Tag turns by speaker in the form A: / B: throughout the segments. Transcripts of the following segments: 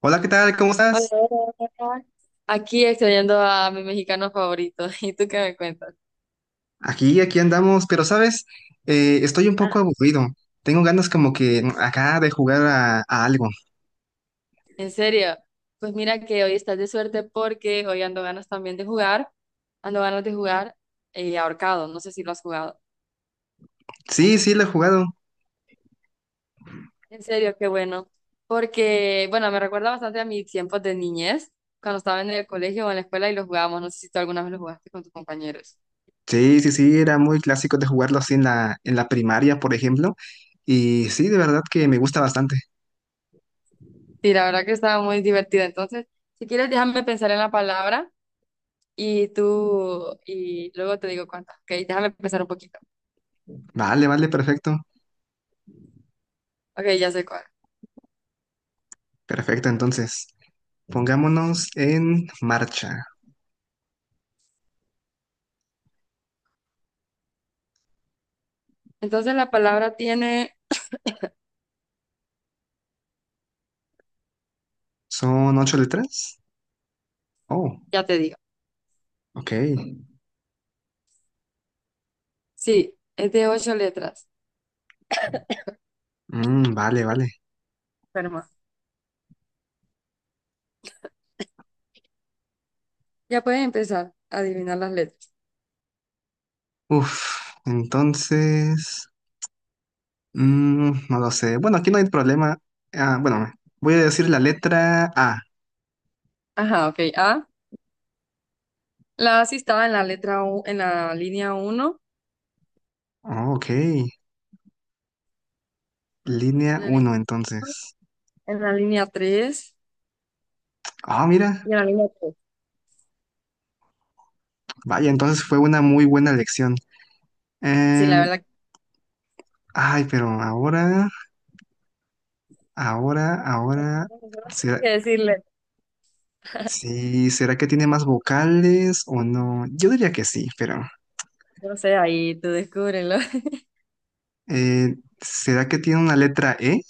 A: Hola, ¿qué tal? ¿Cómo
B: Hola,
A: estás?
B: hola, hola. Aquí extrañando a mi mexicano favorito. ¿Y tú qué me cuentas?
A: Aquí andamos, pero sabes, estoy un
B: Ah,
A: poco aburrido. Tengo ganas como que acá de jugar a algo.
B: en serio, pues mira que hoy estás de suerte porque hoy ando ganas también de jugar. Ando ganas de jugar ahorcado. No sé si lo has jugado.
A: Sí, sí, lo he jugado.
B: En serio, qué bueno. Porque, bueno, me recuerda bastante a mis tiempos de niñez, cuando estaba en el colegio o en la escuela y lo jugábamos. No sé si tú alguna vez lo jugaste con tus compañeros.
A: Sí, sí, sí, era muy clásico de jugarlo así en la primaria, por ejemplo. Y sí, de verdad que me gusta bastante.
B: Sí, la verdad que estaba muy divertido. Entonces, si quieres, déjame pensar en la palabra. Y tú, y luego te digo cuántas. Ok, déjame pensar un poquito.
A: Vale, vale, perfecto.
B: Ok, ya sé cuál.
A: Perfecto, entonces, pongámonos en marcha.
B: Entonces la palabra tiene,
A: ¿Son 8 letras? Oh,
B: ya te digo.
A: ok.
B: Sí, es de ocho letras.
A: Vale, vale.
B: Fermo. Ya puedes empezar a adivinar las letras.
A: Uf, entonces... no lo sé. Bueno, aquí no hay problema. Ah, bueno, voy a decir la letra A.
B: Ajá, ok. A. La A sí estaba en la letra U, en la línea uno,
A: Oh, ok. Línea
B: en la
A: 1
B: línea,
A: entonces.
B: en la línea 3
A: Ah, mira.
B: y en la línea 3.
A: Vaya, entonces fue una muy buena lección.
B: Sí, la
A: Em,
B: verdad que
A: ay, pero ahora, ahora.
B: yo no tengo
A: ¿Será,
B: que decirle.
A: sí, ¿será que tiene más vocales o no? Yo diría que sí, pero.
B: No sé, ahí tú descúbrelo.
A: eh, ¿Será que tiene una letra E?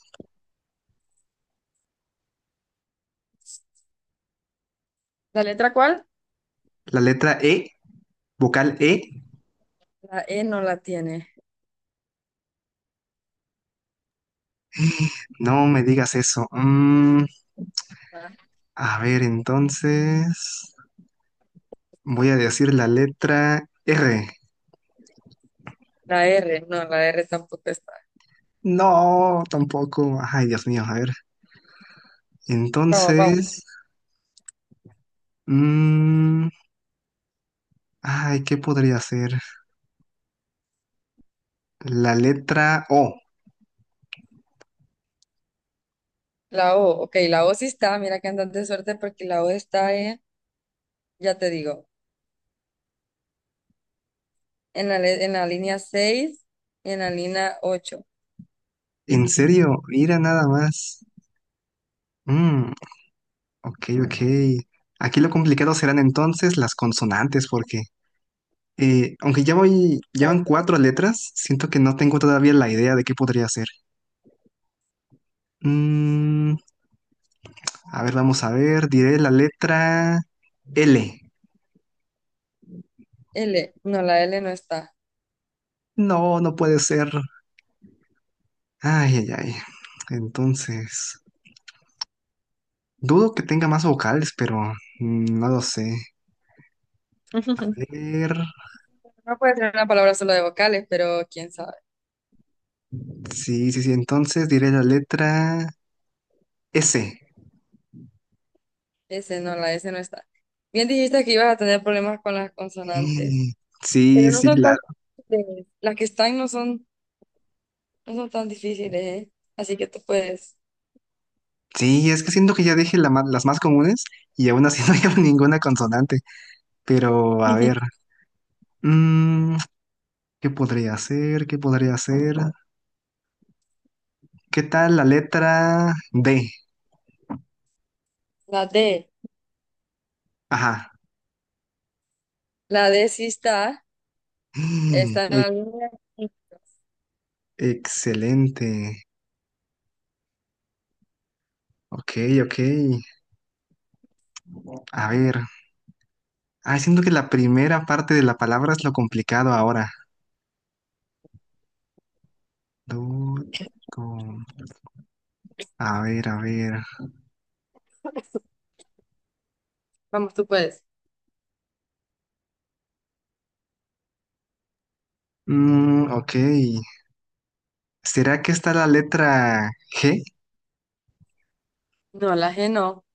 B: ¿La letra cuál?
A: La letra E, vocal E.
B: La E no la tiene.
A: No me digas eso.
B: La
A: A ver, entonces. Voy a decir la letra R.
B: la R, no, la R tampoco está.
A: No, tampoco. Ay, Dios mío, a ver.
B: Vamos, vamos.
A: Entonces, mm, ay, ¿qué podría ser? La letra O.
B: La O, ok, la O sí está, mira que andas de suerte porque la O está, ya te digo, en la línea 6 y en la línea ocho.
A: ¿En serio? Mira nada más. Mm, ok, ok. Aquí lo complicado serán entonces las consonantes, porque aunque ya voy,
B: Tal
A: llevan
B: vez.
A: cuatro letras, siento que no tengo todavía la idea de qué podría ser. Mm, a ver, vamos a ver. Diré la letra L.
B: L, no, la L no está.
A: No, no puede ser. Ay, ay, ay. Entonces, dudo que tenga más vocales, pero no lo sé. A ver.
B: No puede ser una palabra solo de vocales, pero quién sabe.
A: Sí, sí, sí. Entonces diré la letra S.
B: S no, la S no está. Bien dijiste que ibas a tener problemas con las consonantes.
A: Mm,
B: Pero
A: sí,
B: no
A: sí,
B: son
A: claro.
B: tan difíciles. Las que están no son tan difíciles, ¿eh? Así que tú puedes.
A: Sí, es que siento que ya dije la las más comunes y aún así no llevo ninguna consonante. Pero, a ver. mm, ¿Qué podría hacer, ¿Qué podría hacer. ¿Qué tal la letra D?
B: La D,
A: Ajá.
B: la D sí está,
A: Mm,
B: está en
A: e-
B: la línea.
A: excelente. Ok, ok. A ver. Ah, siento que la primera parte de la palabra es lo complicado ahora. Du- com- A ver, a ver.
B: Vamos, tú puedes.
A: Ok. ¿Será que está la letra G?
B: No, la G no.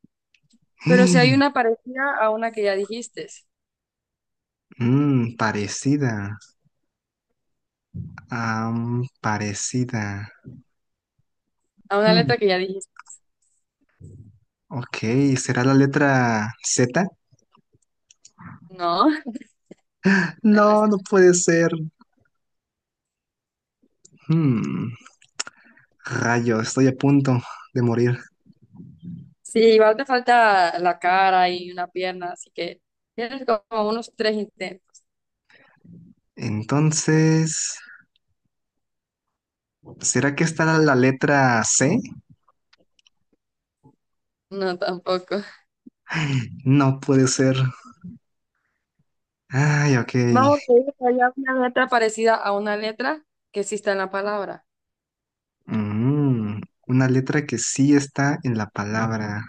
B: Pero si hay una parecida a una que ya dijiste,
A: Parecida. Parecida.
B: a una letra
A: Mm,
B: que ya dijiste.
A: ok. ¿Será la letra Z?
B: No.
A: No, no puede ser. Mm, rayo, estoy a punto de morir.
B: Sí, igual te falta la cara y una pierna, así que tienes como unos tres intentos.
A: Entonces. ¿Será que está la letra C?
B: No, tampoco.
A: No puede ser. Ay, ok.
B: Vamos a ir allá una letra parecida a una letra que sí está en la palabra,
A: Mm, una letra que sí está en la palabra.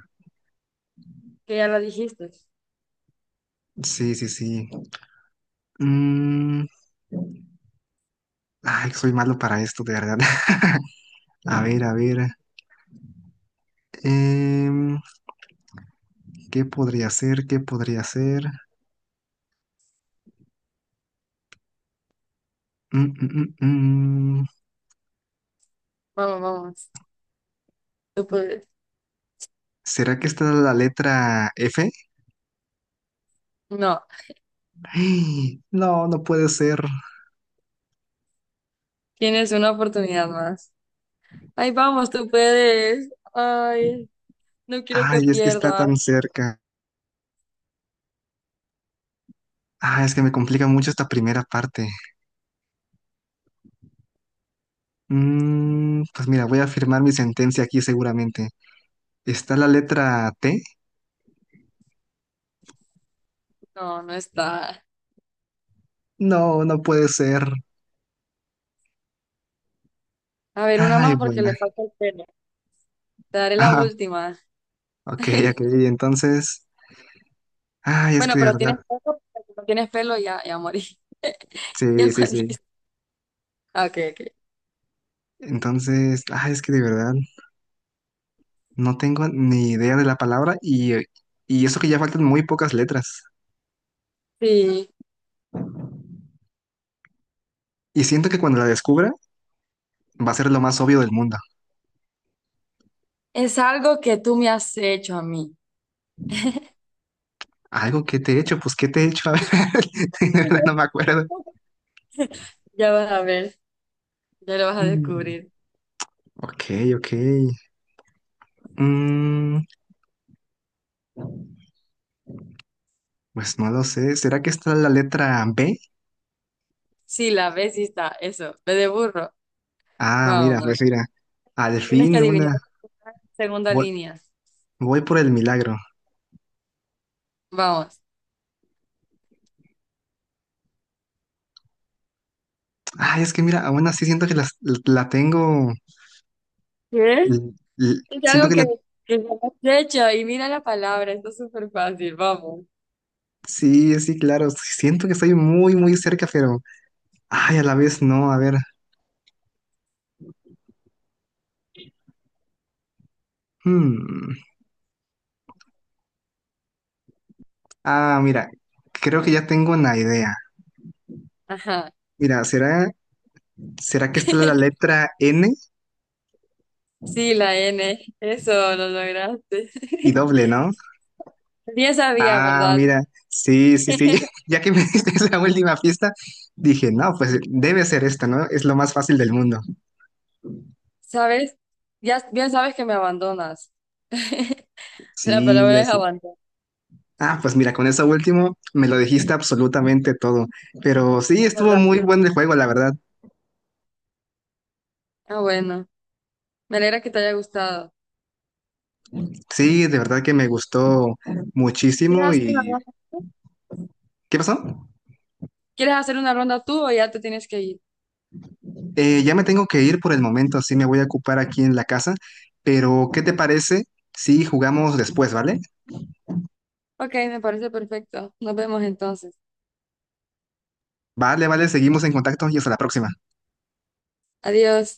B: que ya la dijiste.
A: Sí, sí, sí. Mm, ay, soy malo para esto, de verdad. A ver, a ver. Em, ¿Qué podría ser? ¿Qué podría ser? Mm, mm, mm, mm.
B: Vamos, vamos. Tú puedes.
A: ¿Será que está la letra F?
B: No,
A: Ay, no, no puede ser.
B: tienes una oportunidad más. Ay, vamos, tú puedes. Ay, no quiero que
A: Ay, es que está
B: pierdas.
A: tan cerca. Ah, es que me complica mucho esta primera parte. Pues mira, voy a firmar mi sentencia aquí seguramente. ¿Está la letra T?
B: No, no está.
A: No, no puede ser.
B: A ver, una
A: Ay,
B: más porque
A: buena.
B: le falta el pelo. Te daré la
A: Ah,
B: última.
A: ok, ok. Entonces, ay, es
B: Bueno,
A: que de
B: pero tienes
A: verdad.
B: pelo, porque si no tienes pelo ya, ya morí. Ya
A: Sí, sí,
B: morí.
A: sí.
B: Ah, ok, ok.
A: Entonces, ay, es que de verdad no tengo ni idea de la palabra y eso que ya faltan muy pocas letras.
B: Sí.
A: Y siento que cuando la descubra va a ser lo más obvio del mundo.
B: Es algo que tú me has hecho a mí.
A: Algo que te he hecho, pues ¿qué te he hecho? A ver, de verdad no me acuerdo.
B: Ya vas a ver, ya lo vas a
A: Mm,
B: descubrir.
A: Ok, ok. Mm, pues no lo sé. ¿Será que está la letra B?
B: Sí, la ves y está, eso, ve de burro.
A: Ah,
B: Vamos,
A: mira, pues
B: vamos.
A: mira. Al
B: Tienes que
A: fin
B: adivinar
A: una.
B: la segunda
A: Voy,
B: línea.
A: voy por el milagro.
B: Vamos.
A: Ay, es que mira, aún así siento que tengo.
B: ¿Qué?
A: l-
B: Es
A: siento
B: algo
A: que la.
B: que me has hecho y mira la palabra, esto es súper fácil, vamos.
A: Sí, sí, claro. Sí, siento que estoy muy, muy cerca, pero. Ay, a la vez no. A ver. Hmm. Ah, mira. Creo que ya tengo una idea.
B: Ajá.
A: Mira, ¿será que está la letra N
B: Sí, la N, eso lo lograste.
A: y doble, ¿no?
B: Bien sabía,
A: Ah,
B: ¿verdad?
A: mira, sí, sí, sí, ya, ya que me diste esa última pista, dije, no, pues debe ser esta, ¿no? Es lo más fácil del mundo.
B: ¿Sabes? Ya bien sabes que me abandonas. La
A: Sí,
B: palabra
A: ya
B: es
A: sé.
B: abandono,
A: Ah, pues mira, con eso último me lo dijiste absolutamente todo, pero sí, estuvo
B: ¿verdad?
A: muy buen el juego, la verdad.
B: Ah, bueno, me alegra que te haya gustado.
A: Sí, de verdad que me gustó
B: ¿Quieres
A: muchísimo
B: hacer una
A: y...
B: ronda tú?
A: ¿Qué pasó?
B: ¿Quieres hacer una ronda tú o ya te tienes que ir?
A: Ya me tengo que ir por el momento, sí me voy a ocupar aquí en la casa, pero ¿qué te parece si jugamos después, ¿vale?
B: Ok, me parece perfecto. Nos vemos entonces.
A: Vale, vale, seguimos en contacto y hasta la próxima.
B: Adiós.